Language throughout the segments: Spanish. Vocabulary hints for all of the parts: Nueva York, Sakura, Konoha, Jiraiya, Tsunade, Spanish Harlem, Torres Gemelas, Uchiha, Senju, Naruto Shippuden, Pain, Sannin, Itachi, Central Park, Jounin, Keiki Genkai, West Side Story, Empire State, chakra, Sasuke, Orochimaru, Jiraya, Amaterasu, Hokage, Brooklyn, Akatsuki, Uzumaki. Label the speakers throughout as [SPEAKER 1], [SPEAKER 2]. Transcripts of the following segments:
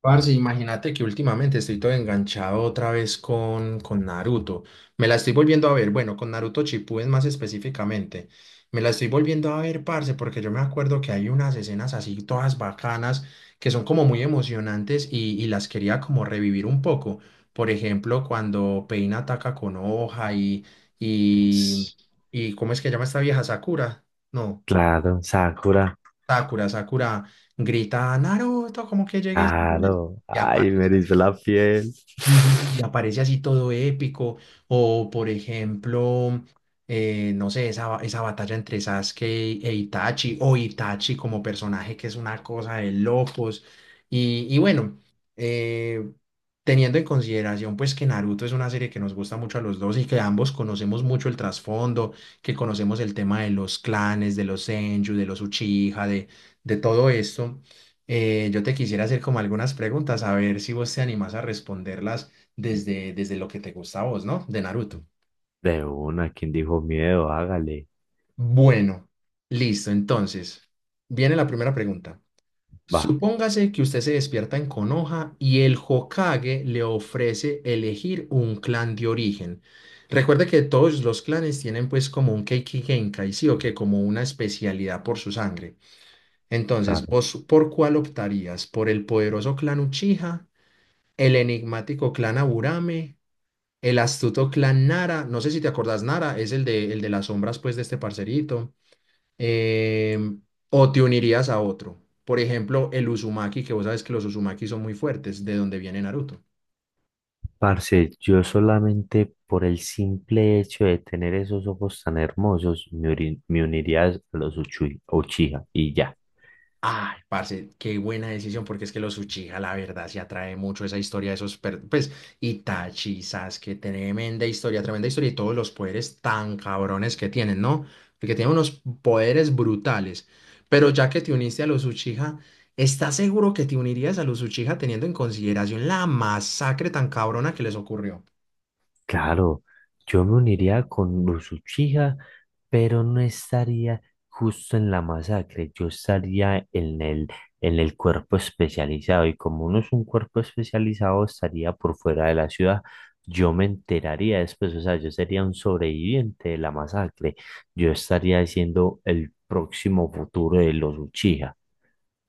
[SPEAKER 1] Parce, imagínate que últimamente estoy todo enganchado otra vez con Naruto. Me la estoy volviendo a ver, bueno, con Naruto Shippuden más específicamente. Me la estoy volviendo a ver, parce, porque yo me acuerdo que hay unas escenas así todas bacanas que son como muy emocionantes y las quería como revivir un poco. Por ejemplo, cuando Pain ataca con hoja y,
[SPEAKER 2] Ps,
[SPEAKER 1] y ¿cómo es que llama esta vieja? Sakura. No,
[SPEAKER 2] claro, Sakura,
[SPEAKER 1] Sakura grita, Naruto, como que llegues
[SPEAKER 2] claro.
[SPEAKER 1] y
[SPEAKER 2] Ay,
[SPEAKER 1] aparece.
[SPEAKER 2] me erizó la piel.
[SPEAKER 1] Sí, sí, sí, y aparece así todo épico. O, por ejemplo, no sé, esa batalla entre Sasuke e Itachi, o Itachi como personaje, que es una cosa de locos. Y bueno, eh, teniendo en consideración pues que Naruto es una serie que nos gusta mucho a los dos y que ambos conocemos mucho el trasfondo, que conocemos el tema de los clanes, de los Senju, de los Uchiha, de todo esto. Yo te quisiera hacer como algunas preguntas, a ver si vos te animás a responderlas desde lo que te gusta a vos, ¿no? De Naruto.
[SPEAKER 2] De una, quien dijo miedo? Hágale.
[SPEAKER 1] Bueno, listo, entonces, viene la primera pregunta.
[SPEAKER 2] Va,
[SPEAKER 1] Supóngase que usted se despierta en Konoha y el Hokage le ofrece elegir un clan de origen. Recuerde que todos los clanes tienen pues como un Keiki Genkai, sí o que como una especialidad por su sangre. Entonces,
[SPEAKER 2] claro.
[SPEAKER 1] ¿vos por cuál optarías? ¿Por el poderoso clan Uchiha, el enigmático clan Aburame, el astuto clan Nara? No sé si te acordás, Nara es el de las sombras, pues, de este parcerito. Em, ¿O te unirías a otro? Por ejemplo, el Uzumaki, que vos sabes que los Uzumaki son muy fuertes, de donde viene Naruto.
[SPEAKER 2] Parce, yo solamente por el simple hecho de tener esos ojos tan hermosos, me uniría a los Uchiha y ya.
[SPEAKER 1] Ay, parce, qué buena decisión, porque es que los Uchiha, la verdad, se atrae mucho esa historia de pues, Itachi, Sasuke, tremenda historia, y todos los poderes tan cabrones que tienen, ¿no? Porque tienen unos poderes brutales. Pero ya que te uniste a los Uchiha, ¿estás seguro que te unirías a los Uchiha teniendo en consideración la masacre tan cabrona que les ocurrió?
[SPEAKER 2] Claro, yo me uniría con los Uchiha, pero no estaría justo en la masacre, yo estaría en el cuerpo especializado y como no es un cuerpo especializado, estaría por fuera de la ciudad. Yo me enteraría después, o sea, yo sería un sobreviviente de la masacre, yo estaría siendo el próximo futuro de los Uchiha.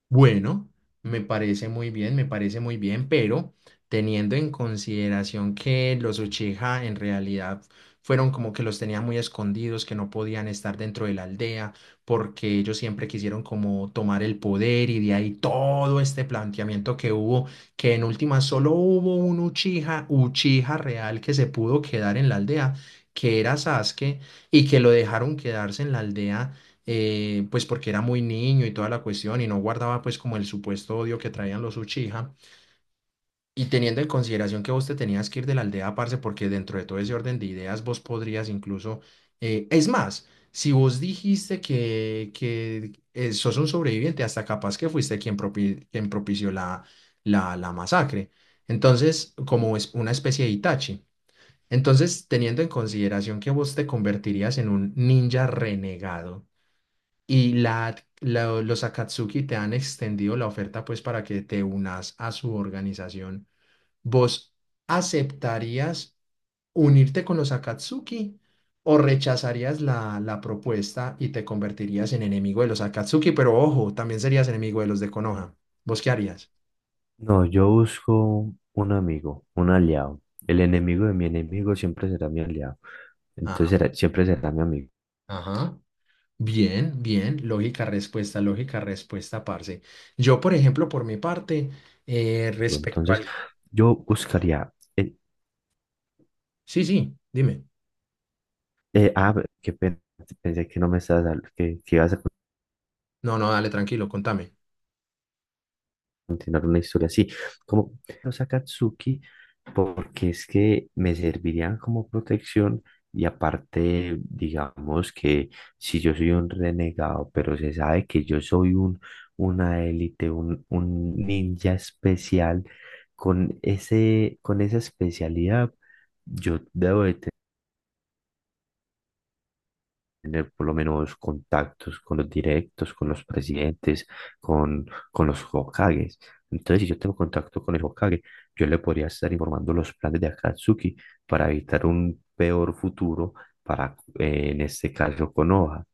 [SPEAKER 1] Bueno, me parece muy bien, me parece muy bien, pero teniendo en consideración que los Uchiha en realidad fueron como que los tenía muy escondidos, que no podían estar dentro de la aldea, porque ellos siempre quisieron como tomar el poder y de ahí todo este planteamiento que hubo, que en última solo hubo un Uchiha real que se pudo quedar en la aldea, que era Sasuke, y que lo dejaron quedarse en la aldea pues porque era muy niño y toda la cuestión y no guardaba pues como el supuesto odio que traían los Uchiha, y teniendo en consideración que vos te tenías que ir de la aldea, parce, porque dentro de todo ese orden de ideas vos podrías incluso, es más, si vos dijiste que sos un sobreviviente, hasta capaz que fuiste quien propició la masacre. Entonces, como es una especie de Itachi. Entonces, teniendo en consideración que vos te convertirías en un ninja renegado y los Akatsuki te han extendido la oferta pues para que te unas a su organización. ¿Vos aceptarías unirte con los Akatsuki o rechazarías la propuesta y te convertirías en enemigo de los Akatsuki? Pero ojo, también serías enemigo de los de Konoha. ¿Vos qué harías?
[SPEAKER 2] No, yo busco un amigo, un aliado. El enemigo de mi enemigo siempre será mi aliado.
[SPEAKER 1] Ah,
[SPEAKER 2] Siempre será mi amigo.
[SPEAKER 1] ajá. Bien, bien, lógica respuesta, parce. Yo, por ejemplo, por mi parte, respecto
[SPEAKER 2] Entonces
[SPEAKER 1] al...
[SPEAKER 2] yo buscaría... eh,
[SPEAKER 1] Sí, sí, dime.
[SPEAKER 2] eh, ah, qué pena, pensé que no me estabas, que ibas a
[SPEAKER 1] No, no, dale, tranquilo, contame.
[SPEAKER 2] continuar una historia así, como los Akatsuki, porque es que me servirían como protección y aparte, digamos que si yo soy un renegado, pero se sabe que yo soy una élite, un ninja especial, con esa especialidad, yo debo de tener por lo menos contactos con los directos, con los presidentes, con, con los Hokages. Entonces, si yo tengo contacto con el Hokage, yo le podría estar informando los planes de Akatsuki para evitar un peor futuro para, en este caso, Konoha.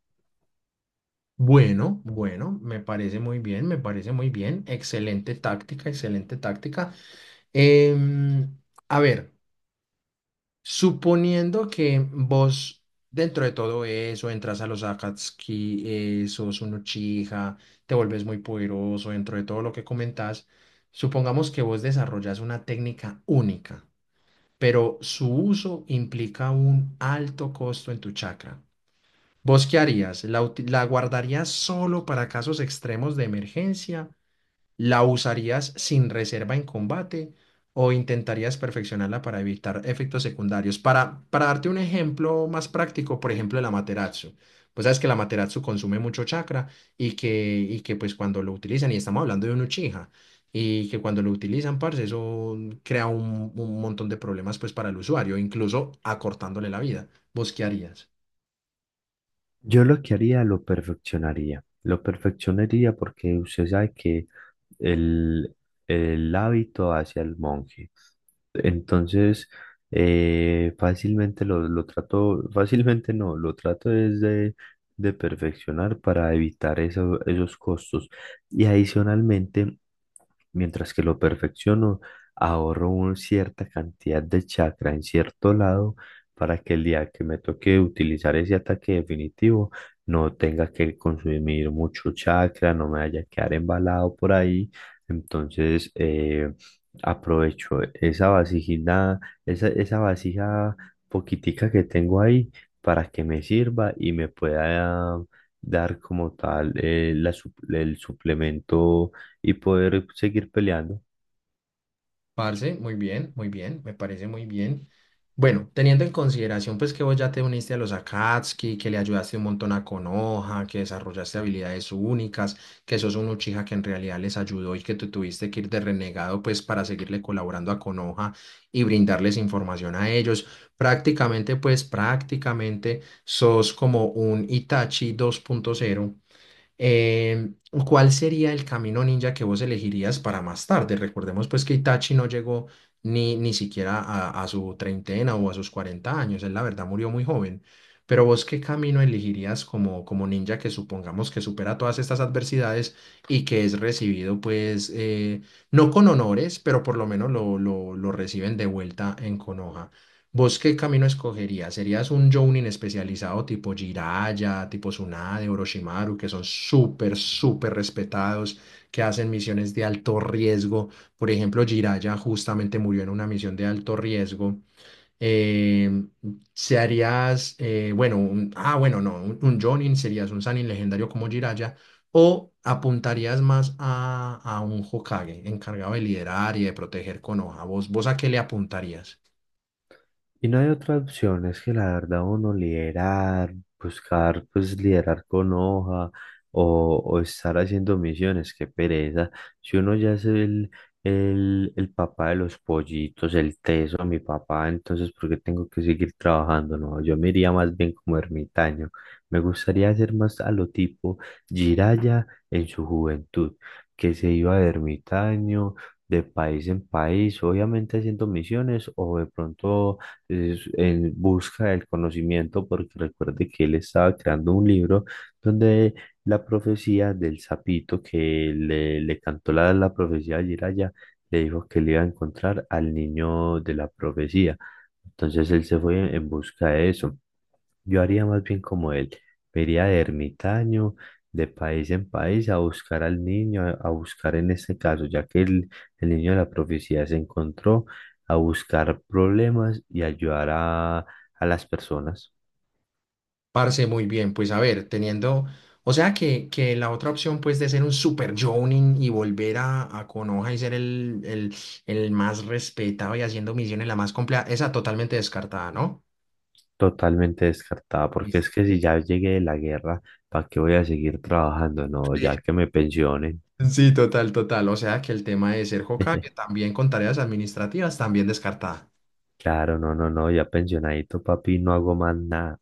[SPEAKER 1] Bueno, bueno, me parece muy bien, me parece muy bien. Excelente táctica, excelente táctica. Em, a ver, suponiendo que vos dentro de todo eso entras a los Akatsuki, sos un Uchiha, te vuelves muy poderoso dentro de todo lo que comentás, supongamos que vos desarrollas una técnica única, pero su uso implica un alto costo en tu chakra. ¿Vos qué harías? La guardarías solo para casos extremos de emergencia? ¿La usarías sin reserva en combate? ¿O intentarías perfeccionarla para evitar efectos secundarios? Para darte un ejemplo más práctico, por ejemplo, el Amaterasu. Pues sabes que el Amaterasu consume mucho chakra y que pues cuando lo utilizan, y estamos hablando de un Uchiha, y que cuando lo utilizan, parce, eso crea un montón de problemas pues para el usuario, incluso acortándole la vida. ¿Vos qué harías?
[SPEAKER 2] Yo lo que haría, lo perfeccionaría. Lo perfeccionaría porque usted sabe que el, el hábito hacia el monje. Entonces, fácilmente lo trato, fácilmente no, lo trato es de perfeccionar para evitar esos costos. Y adicionalmente, mientras que lo perfecciono, ahorro una cierta cantidad de chakra en cierto lado para que el día que me toque utilizar ese ataque definitivo, no tenga que consumir mucho chakra, no me vaya a quedar embalado por ahí. Entonces, aprovecho esa vasijita, esa vasija poquitica que tengo ahí para que me sirva y me pueda dar como tal, el suplemento y poder seguir peleando.
[SPEAKER 1] Parce, muy bien, me parece muy bien. Bueno, teniendo en consideración pues que vos ya te uniste a los Akatsuki, que le ayudaste un montón a Konoha, que desarrollaste habilidades únicas, que sos un Uchiha que en realidad les ayudó y que tú tuviste que ir de renegado pues para seguirle colaborando a Konoha y brindarles información a ellos. Prácticamente pues prácticamente sos como un Itachi 2.0. Eh, ¿cuál sería el camino ninja que vos elegirías para más tarde? Recordemos pues que Itachi no llegó ni siquiera a su treintena o a sus 40 años. Él la verdad murió muy joven, pero vos qué camino elegirías como, como ninja, que supongamos que supera todas estas adversidades y que es recibido pues no con honores, pero por lo menos lo reciben de vuelta en Konoha. ¿Vos qué camino escogerías? ¿Serías un Jounin especializado tipo Jiraiya, tipo Tsunade, Orochimaru, que son súper, súper respetados, que hacen misiones de alto riesgo? Por ejemplo, Jiraiya justamente murió en una misión de alto riesgo. Eh, serías, bueno, un- ah, bueno, no, un Jounin, serías un Sannin legendario como Jiraiya? ¿O apuntarías más a un Hokage encargado de liderar y de proteger Konoha? ¿Vos, vos a qué le apuntarías?
[SPEAKER 2] Y no hay otra opción, es que la verdad uno liderar, buscar pues liderar con hoja o estar haciendo misiones, qué pereza. Si uno ya es el papá de los pollitos, el teso, mi papá, entonces ¿por qué tengo que seguir trabajando? No, yo me iría más bien como ermitaño. Me gustaría hacer más a lo tipo Jiraya en su juventud, que se iba de ermitaño, de país en país, obviamente haciendo misiones o de pronto en busca del conocimiento, porque recuerde que él estaba creando un libro donde la profecía del sapito que le cantó la profecía de Jiraya, le dijo que le iba a encontrar al niño de la profecía. Entonces él se fue en busca de eso. Yo haría más bien como él, me iría de ermitaño, de país en país, a buscar al niño, a buscar en este caso, ya que el niño de la profecía se encontró, a buscar problemas y ayudar a las personas.
[SPEAKER 1] Parce, muy bien, pues a ver, o sea que la otra opción pues de ser un super Jonin y volver a Konoha y ser el más respetado y haciendo misiones la más compleja, esa totalmente descartada, ¿no?
[SPEAKER 2] Totalmente descartada, porque es
[SPEAKER 1] Listo.
[SPEAKER 2] que si ya llegué de la guerra, ¿para qué voy a seguir trabajando? No,
[SPEAKER 1] Sí.
[SPEAKER 2] ya que me pensionen.
[SPEAKER 1] Sí, total, total. O sea que el tema de ser Hokage también con tareas administrativas también descartada.
[SPEAKER 2] Claro, no, no, no, ya pensionadito, papi, no hago más nada.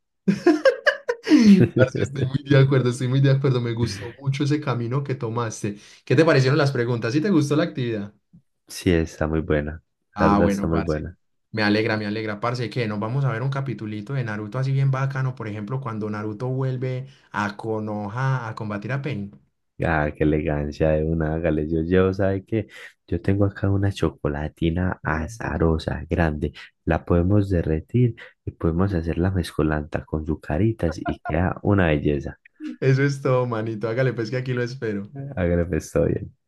[SPEAKER 1] Parce, estoy muy de acuerdo, estoy muy de acuerdo. Me gustó mucho ese camino que tomaste. ¿Qué te parecieron las preguntas? ¿Sí te gustó la actividad?
[SPEAKER 2] Sí, está muy buena. La
[SPEAKER 1] Ah,
[SPEAKER 2] verdad está
[SPEAKER 1] bueno,
[SPEAKER 2] muy
[SPEAKER 1] parce.
[SPEAKER 2] buena.
[SPEAKER 1] Me alegra, parce, que nos vamos a ver un capitulito de Naruto así bien bacano, por ejemplo, cuando Naruto vuelve a Konoha a combatir a Pain.
[SPEAKER 2] Ah, qué elegancia de una, hágale. Yo llevo, ¿sabe qué? Yo tengo acá una chocolatina
[SPEAKER 1] Mm.
[SPEAKER 2] azarosa, grande. La podemos derretir y podemos hacer la mezcolanta con sucaritas y queda una belleza.
[SPEAKER 1] Eso es todo, manito. Hágale, pues, que aquí lo espero.
[SPEAKER 2] Hágale, pues, todo bien.